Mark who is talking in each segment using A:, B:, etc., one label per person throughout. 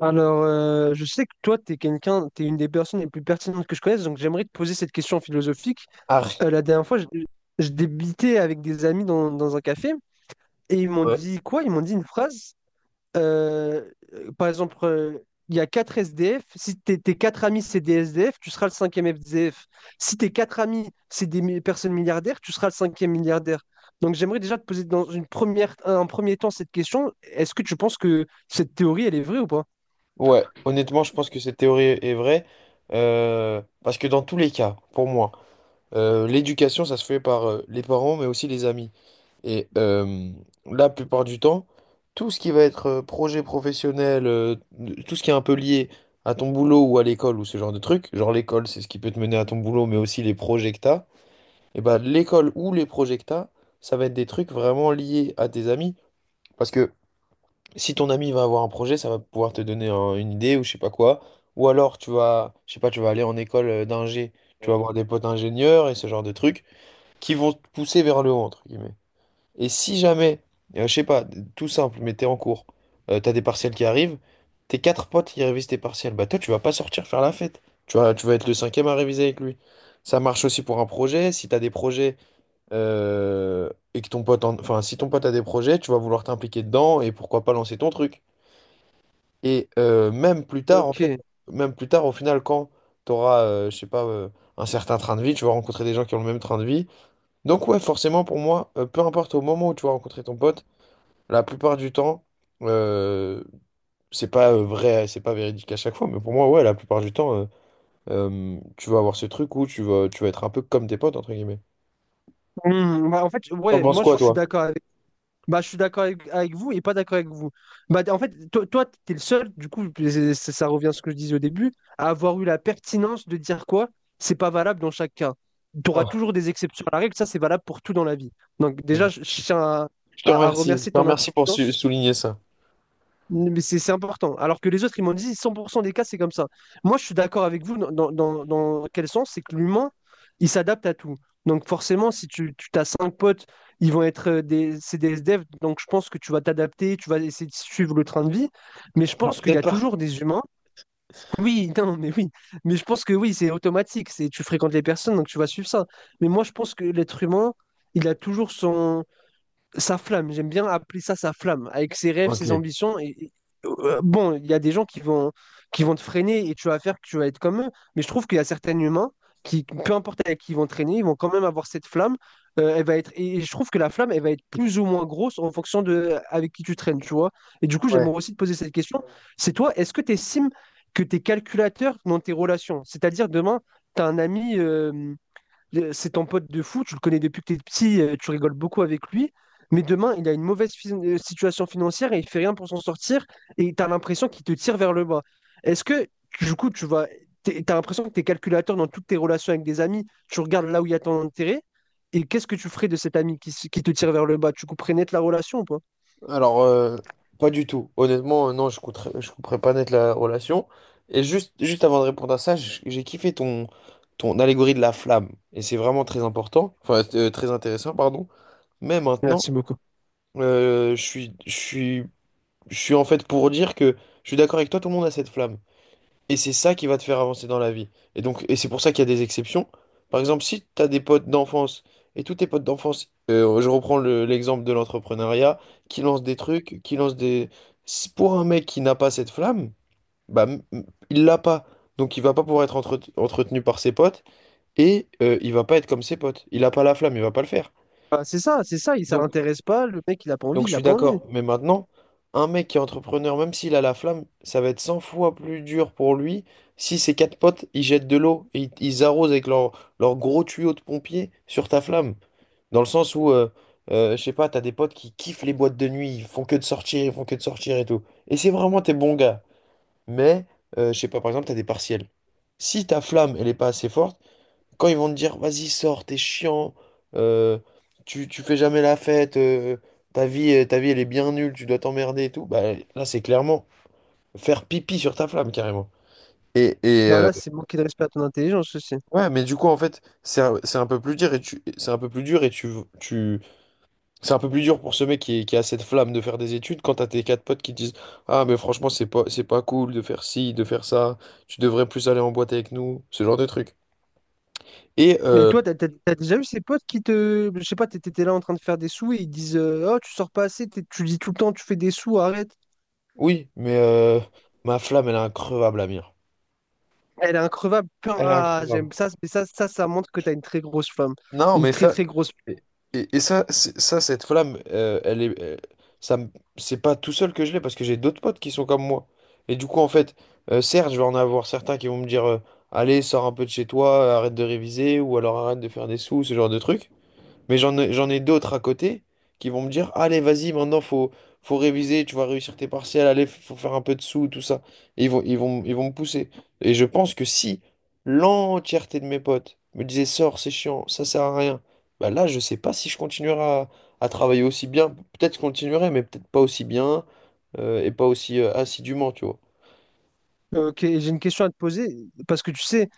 A: Alors, je sais que toi, tu es quelqu'un, tu une des personnes les plus pertinentes que je connaisse, donc j'aimerais te poser cette question philosophique.
B: Ah,
A: La dernière fois, je débitais avec des amis dans un café et ils m'ont
B: ouais.
A: dit quoi? Ils m'ont dit une phrase. Par exemple, il y a quatre SDF. Si tes quatre amis, c'est des SDF, tu seras le cinquième SDF. Si tes quatre amis, c'est des personnes milliardaires, tu seras le cinquième milliardaire. Donc, j'aimerais déjà te poser dans une première, un premier temps cette question. Est-ce que tu penses que cette théorie, elle est vraie ou pas?
B: Ouais, honnêtement, je pense que cette théorie est vraie. Parce que dans tous les cas, pour moi, l'éducation, ça se fait par les parents, mais aussi les amis. Et la plupart du temps, tout ce qui va être projet professionnel, tout ce qui est un peu lié à ton boulot ou à l'école ou ce genre de truc, genre l'école, c'est ce qui peut te mener à ton boulot, mais aussi les projets que t'as, et ben l'école ou les projets que t'as, ça va être des trucs vraiment liés à tes amis. Parce que si ton ami va avoir un projet, ça va pouvoir te donner une idée ou je sais pas quoi. Ou alors tu vas, je sais pas, tu vas aller en école d'ingé, tu vas avoir des potes ingénieurs et ce genre de trucs qui vont te pousser vers le haut, entre guillemets. Et si jamais, je sais pas, tout simple, mais t'es en cours, t'as des partiels qui arrivent, tes quatre potes qui révisent tes partiels, bah toi tu vas pas sortir faire la fête. Tu vas être le cinquième à réviser avec lui. Ça marche aussi pour un projet. Si t'as des projets euh, et que ton pote, enfin, si ton pote a des projets, tu vas vouloir t'impliquer dedans et pourquoi pas lancer ton truc. Et même plus tard, en fait,
A: Ok.
B: même plus tard, au final, quand tu auras, je sais pas, un certain train de vie, tu vas rencontrer des gens qui ont le même train de vie. Donc ouais, forcément, pour moi, peu importe au moment où tu vas rencontrer ton pote, la plupart du temps, euh, c'est pas véridique à chaque fois, mais pour moi, ouais, la plupart du temps, tu vas avoir ce truc où tu vas être un peu comme tes potes, entre guillemets.
A: Hmm, bah, en fait,
B: T'en
A: ouais,
B: penses
A: moi
B: quoi,
A: je suis
B: toi?
A: d'accord avec, bah, je suis d'accord avec vous et pas d'accord avec vous. Bah, en fait, toi, t'es le seul, du coup, ça revient à ce que je disais au début, à avoir eu la pertinence de dire quoi, c'est pas valable dans chaque cas. Tu auras
B: Ah,
A: toujours des exceptions à la règle, ça c'est valable pour tout dans la vie. Donc,
B: je
A: déjà, je tiens à, à
B: je
A: remercier
B: te
A: ton
B: remercie pour
A: intelligence
B: souligner ça.
A: mais c'est important. Alors que les autres, ils m'ont dit 100% des cas, c'est comme ça. Moi, je suis d'accord avec vous dans quel sens? C'est que l'humain, il s'adapte à tout. Donc forcément, si tu as cinq potes, ils vont être c'est des SDF, donc je pense que tu vas t'adapter, tu vas essayer de suivre le train de vie. Mais je
B: Genre,
A: pense qu'il y
B: peut-être
A: a
B: pas.
A: toujours des humains. Oui, non, mais oui. Mais je pense que oui, c'est automatique. C'est, tu fréquentes les personnes, donc tu vas suivre ça. Mais moi, je pense que l'être humain, il a toujours son sa flamme, j'aime bien appeler ça sa flamme, avec ses rêves, ses
B: Ok.
A: ambitions. Et, bon, il y a des gens qui vont te freiner et tu vas faire que tu vas être comme eux, mais je trouve qu'il y a certains humains qui, peu importe avec qui ils vont traîner, ils vont quand même avoir cette flamme. Elle va être, et je trouve que la flamme, elle va être plus ou moins grosse en fonction de avec qui tu traînes, tu vois. Et du coup,
B: Ouais.
A: j'aimerais aussi te poser cette question. C'est toi, est-ce que tu estimes que tu es calculateur dans tes relations? C'est-à-dire, demain, tu as un ami. C'est ton pote de fou, tu le connais depuis que t'es petit, tu rigoles beaucoup avec lui. Mais demain, il a une mauvaise situation financière et il fait rien pour s'en sortir et tu as l'impression qu'il te tire vers le bas. Est-ce que, du coup, tu vas, t'as l'impression que tu es calculateur dans toutes tes relations avec des amis, tu regardes là où il y a ton intérêt et qu'est-ce que tu ferais de cet ami qui, qui te tire vers le bas? Tu couperais net la relation ou pas?
B: Alors, pas du tout. Honnêtement, non, je couperais pas net la relation. Et juste avant de répondre à ça, j'ai kiffé ton, ton allégorie de la flamme. Et c'est vraiment très important, enfin, très intéressant, pardon. Mais maintenant,
A: Merci beaucoup.
B: euh, je suis, je suis, je suis en fait pour dire que je suis d'accord avec toi, tout le monde a cette flamme. Et c'est ça qui va te faire avancer dans la vie. Et donc, et c'est pour ça qu'il y a des exceptions. Par exemple, si tu as des potes d'enfance et tous tes potes d'enfance, je reprends l'exemple de l'entrepreneuriat, qui lance des trucs, qui lance des... Si pour un mec qui n'a pas cette flamme, bah, il l'a pas. Donc, il va pas pouvoir être entretenu par ses potes et il va pas être comme ses potes. Il n'a pas la flamme, il va pas le faire.
A: Bah, c'est ça, il, ça
B: Donc,
A: l'intéresse pas, le mec il a pas envie,
B: donc je
A: il a
B: suis
A: pas envie.
B: d'accord. Mais maintenant, un mec qui est entrepreneur, même s'il a la flamme, ça va être 100 fois plus dur pour lui si ses quatre potes, ils jettent de l'eau et ils arrosent avec leur, leur gros tuyau de pompier sur ta flamme. Dans le sens où, je sais pas, t'as des potes qui kiffent les boîtes de nuit, ils font que de sortir, ils font que de sortir et tout. Et c'est vraiment tes bons gars. Mais, je sais pas, par exemple, t'as des partiels. Si ta flamme, elle est pas assez forte, quand ils vont te dire, vas-y, sors, t'es chiant, euh, tu fais jamais la fête, ta vie, elle est bien nulle, tu dois t'emmerder et tout, bah là, c'est clairement faire pipi sur ta flamme, carrément. Et, et
A: Bah
B: euh,
A: là, c'est manquer de respect à ton intelligence aussi.
B: ouais, mais du coup, en fait, c'est un peu plus dur et tu, c'est un peu plus dur et tu, c'est un peu plus dur pour ce mec qui, qui a cette flamme de faire des études quand t'as tes quatre potes qui te disent, ah, mais franchement, c'est pas cool de faire ci, de faire ça, tu devrais plus aller en boîte avec nous, ce genre de truc. Et,
A: Et
B: euh,
A: toi, t'as déjà eu ces potes qui te. Je sais pas, t'étais là en train de faire des sous et ils disent oh, tu sors pas assez, tu dis tout le temps, tu fais des sous, arrête.
B: Oui, mais ma flamme, elle est increvable, Amir.
A: Elle est increvable. Putain,
B: Elle est
A: ah,
B: incroyable.
A: j'aime ça, mais ça montre que t'as une très grosse femme.
B: Non,
A: Une
B: mais
A: très
B: ça,
A: très grosse.
B: et, et ça, ça, cette flamme, elle est, ça, me- c'est pas tout seul que je l'ai parce que j'ai d'autres potes qui sont comme moi. Et du coup, en fait, certes, je vais en avoir certains qui vont me dire, allez, sors un peu de chez toi, arrête de réviser, ou alors arrête de faire des sous, ce genre de trucs. Mais j'en ai d'autres à côté qui vont me dire, allez, vas-y, maintenant, faut réviser, tu vas réussir tes partiels, allez, faut faire un peu de sous, tout ça. Et ils vont me pousser. Et je pense que si l'entièreté de mes potes me disaient, sors, c'est chiant, ça sert à rien, bah là, je sais pas si je continuerai à travailler aussi bien. Peut-être que je continuerai, mais peut-être pas aussi bien, et pas aussi assidûment, tu vois.
A: Ok, j'ai une question à te poser, parce que tu sais,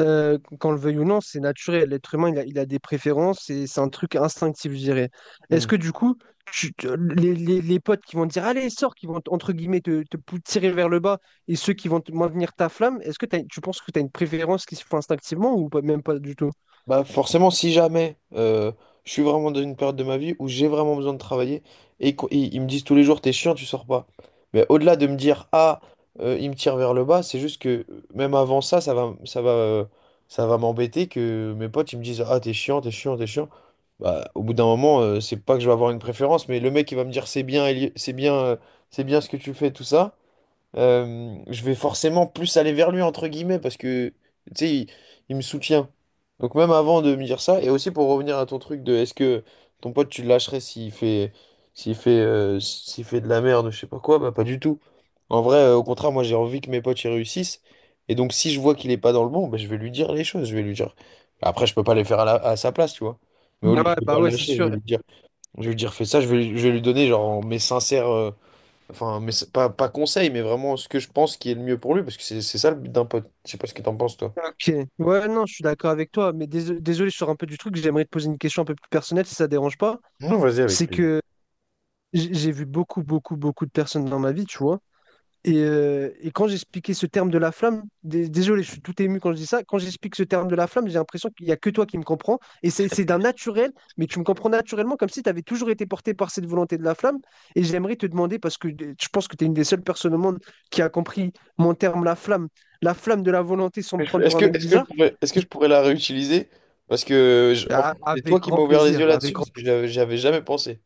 A: qu'on le veuille ou non, c'est naturel. L'être humain, il a des préférences et c'est un truc instinctif, je dirais. Est-ce
B: Hmm.
A: que du coup, tu- tu- les, les potes qui vont te dire, allez, sors, qui vont, entre guillemets, tirer vers le bas, et ceux qui vont te maintenir ta flamme, est-ce que tu penses que tu as une préférence qui se fait instinctivement ou pas- même pas du tout?
B: Bah forcément, si jamais je suis vraiment dans une période de ma vie où j'ai vraiment besoin de travailler et ils me disent tous les jours, t'es chiant, tu sors pas. Mais au-delà de me dire, ah, ils me tirent vers le bas, c'est juste que même avant ça, ça va m'embêter que mes potes ils me disent, ah, t'es chiant, t'es chiant, t'es chiant. Bah, au bout d'un moment, c'est pas que je vais avoir une préférence, mais le mec il va me dire, c'est bien, c'est bien, c'est bien ce que tu fais, tout ça, je vais forcément plus aller vers lui, entre guillemets, parce que, tu sais, il me soutient. Donc même avant de me dire ça, et aussi pour revenir à ton truc de est-ce que ton pote, tu le lâcherais s'il fait de la merde, je sais pas quoi, bah pas du tout. En vrai, au contraire, moi j'ai envie que mes potes y réussissent. Et donc si je vois qu'il est pas dans le bon, bah, je vais lui dire. Après, je peux pas les faire à, à sa place, tu vois. Mais au lieu,
A: Ouais,
B: je vais pas
A: bah
B: le
A: ouais, c'est
B: lâcher,
A: sûr.
B: je vais lui dire fais ça, je vais lui donner genre mes sincères. Enfin, mais c'est pas, pas conseil, mais vraiment ce que je pense qui est le mieux pour lui, parce que c'est ça le but d'un pote. Je sais pas ce que t'en penses, toi.
A: Ok. Ouais, non, je suis d'accord avec toi, mais désolé, je sors un peu du truc, j'aimerais te poser une question un peu plus personnelle, si ça te dérange pas.
B: Non, vas-y avec
A: C'est
B: plaisir.
A: que j'ai vu beaucoup, beaucoup, beaucoup de personnes dans ma vie, tu vois. Et quand j'expliquais ce terme de la flamme, désolé, je suis tout ému quand je dis ça, quand j'explique ce terme de la flamme, j'ai l'impression qu'il n'y a que toi qui me comprends. Et c'est d'un naturel, mais tu me comprends naturellement comme si tu avais toujours été porté par cette volonté de la flamme. Et j'aimerais te demander, parce que je pense que tu es une des seules personnes au monde qui a compris mon terme, la flamme de la volonté sans me
B: Mais
A: prendre pour un mec bizarre.
B: Est-ce que je pourrais la réutiliser? Parce que en
A: Ah,
B: fait, c'est
A: avec
B: toi qui
A: grand
B: m'as ouvert les yeux
A: plaisir, avec
B: là-dessus,
A: grand
B: parce que j'avais jamais pensé.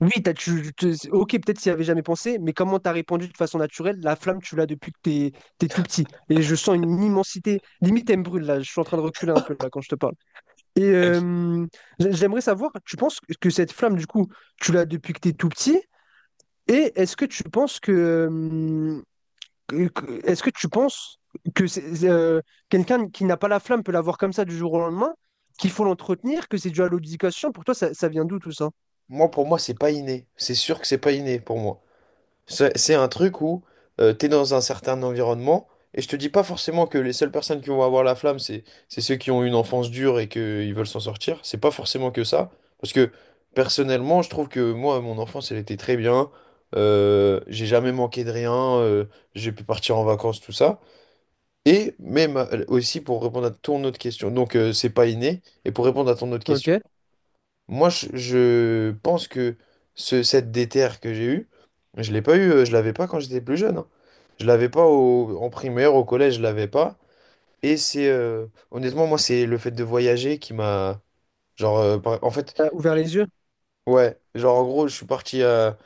A: oui, t'as, tu- c'est- ok, peut-être s'il y avait jamais pensé, mais comment t'as répondu de façon naturelle, la flamme, tu l'as depuis que t'es tout petit. Et je sens une immensité. Limite, elle me brûle, là. Je suis en train de reculer un peu, là, quand je te parle. Et j'aimerais savoir, tu penses que cette flamme, du coup, tu l'as depuis que t'es tout petit? Et est-ce que tu penses que, est-ce que tu penses que c'est, quelqu'un qui n'a pas la flamme peut l'avoir comme ça du jour au lendemain, qu'il faut l'entretenir, que c'est dû à l'éducation? Pour toi, ça vient d'où tout ça?
B: Moi, pour moi, c'est pas inné. C'est sûr que c'est pas inné pour moi. C'est un truc où t'es dans un certain environnement, et je te dis pas forcément que les seules personnes qui vont avoir la flamme, c'est ceux qui ont une enfance dure et qu'ils veulent s'en sortir. C'est pas forcément que ça, parce que personnellement, je trouve que moi, mon enfance, elle était très bien. J'ai jamais manqué de rien, j'ai pu partir en vacances, tout ça. Et même aussi pour répondre à ton autre question, donc c'est pas inné, et pour répondre à ton autre
A: Ok.
B: question. Moi, je pense que cette déterre que j'ai eue, je l'ai pas eu, je l'avais pas quand j'étais plus jeune, hein. Je l'avais pas en primaire, au collège, je l'avais pas. Et c'est honnêtement, moi, c'est le fait de voyager qui m'a genre en fait,
A: T'as ouvert les yeux.
B: ouais, genre en gros, je suis parti à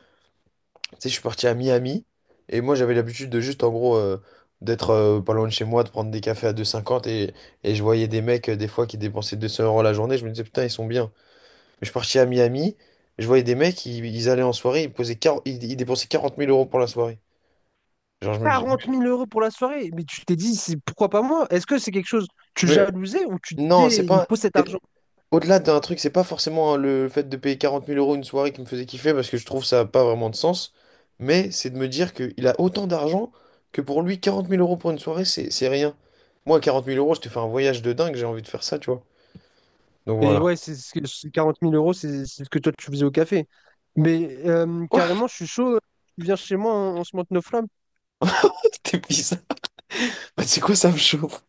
B: tu sais, je suis parti à Miami et moi j'avais l'habitude de juste en gros d'être pas loin de chez moi, de prendre des cafés à 2,50 et je voyais des mecs des fois qui dépensaient 200 euros la journée, je me disais putain, ils sont bien. Mais je suis parti à Miami, je voyais des mecs, ils allaient en soirée, ils dépensaient 40 000 euros pour la soirée. Genre, je me dis.
A: 40 000 euros pour la soirée. Mais tu t'es dit, c'est pourquoi pas moi? Est-ce que c'est quelque chose, tu
B: Mais
A: jalousais ou tu
B: non, c'est
A: disais, il me
B: pas.
A: faut cet
B: c'est-
A: argent?
B: Au-delà d'un truc, c'est pas forcément hein, le fait de payer 40 000 euros une soirée qui me faisait kiffer parce que je trouve ça n'a pas vraiment de sens. Mais c'est de me dire qu'il a autant d'argent que pour lui, 40 000 euros pour une soirée, c'est rien. Moi, 40 000 euros, je te fais un voyage de dingue, j'ai envie de faire ça, tu vois. Donc
A: Et
B: voilà.
A: ouais, c'est ce que- c'est 40 000 euros, c'est ce que toi tu faisais au café. Mais
B: Quoi?
A: carrément, je suis chaud. Tu viens chez moi, on se monte nos flammes.
B: T'es bizarre. Bah, c'est quoi ça me chauffe?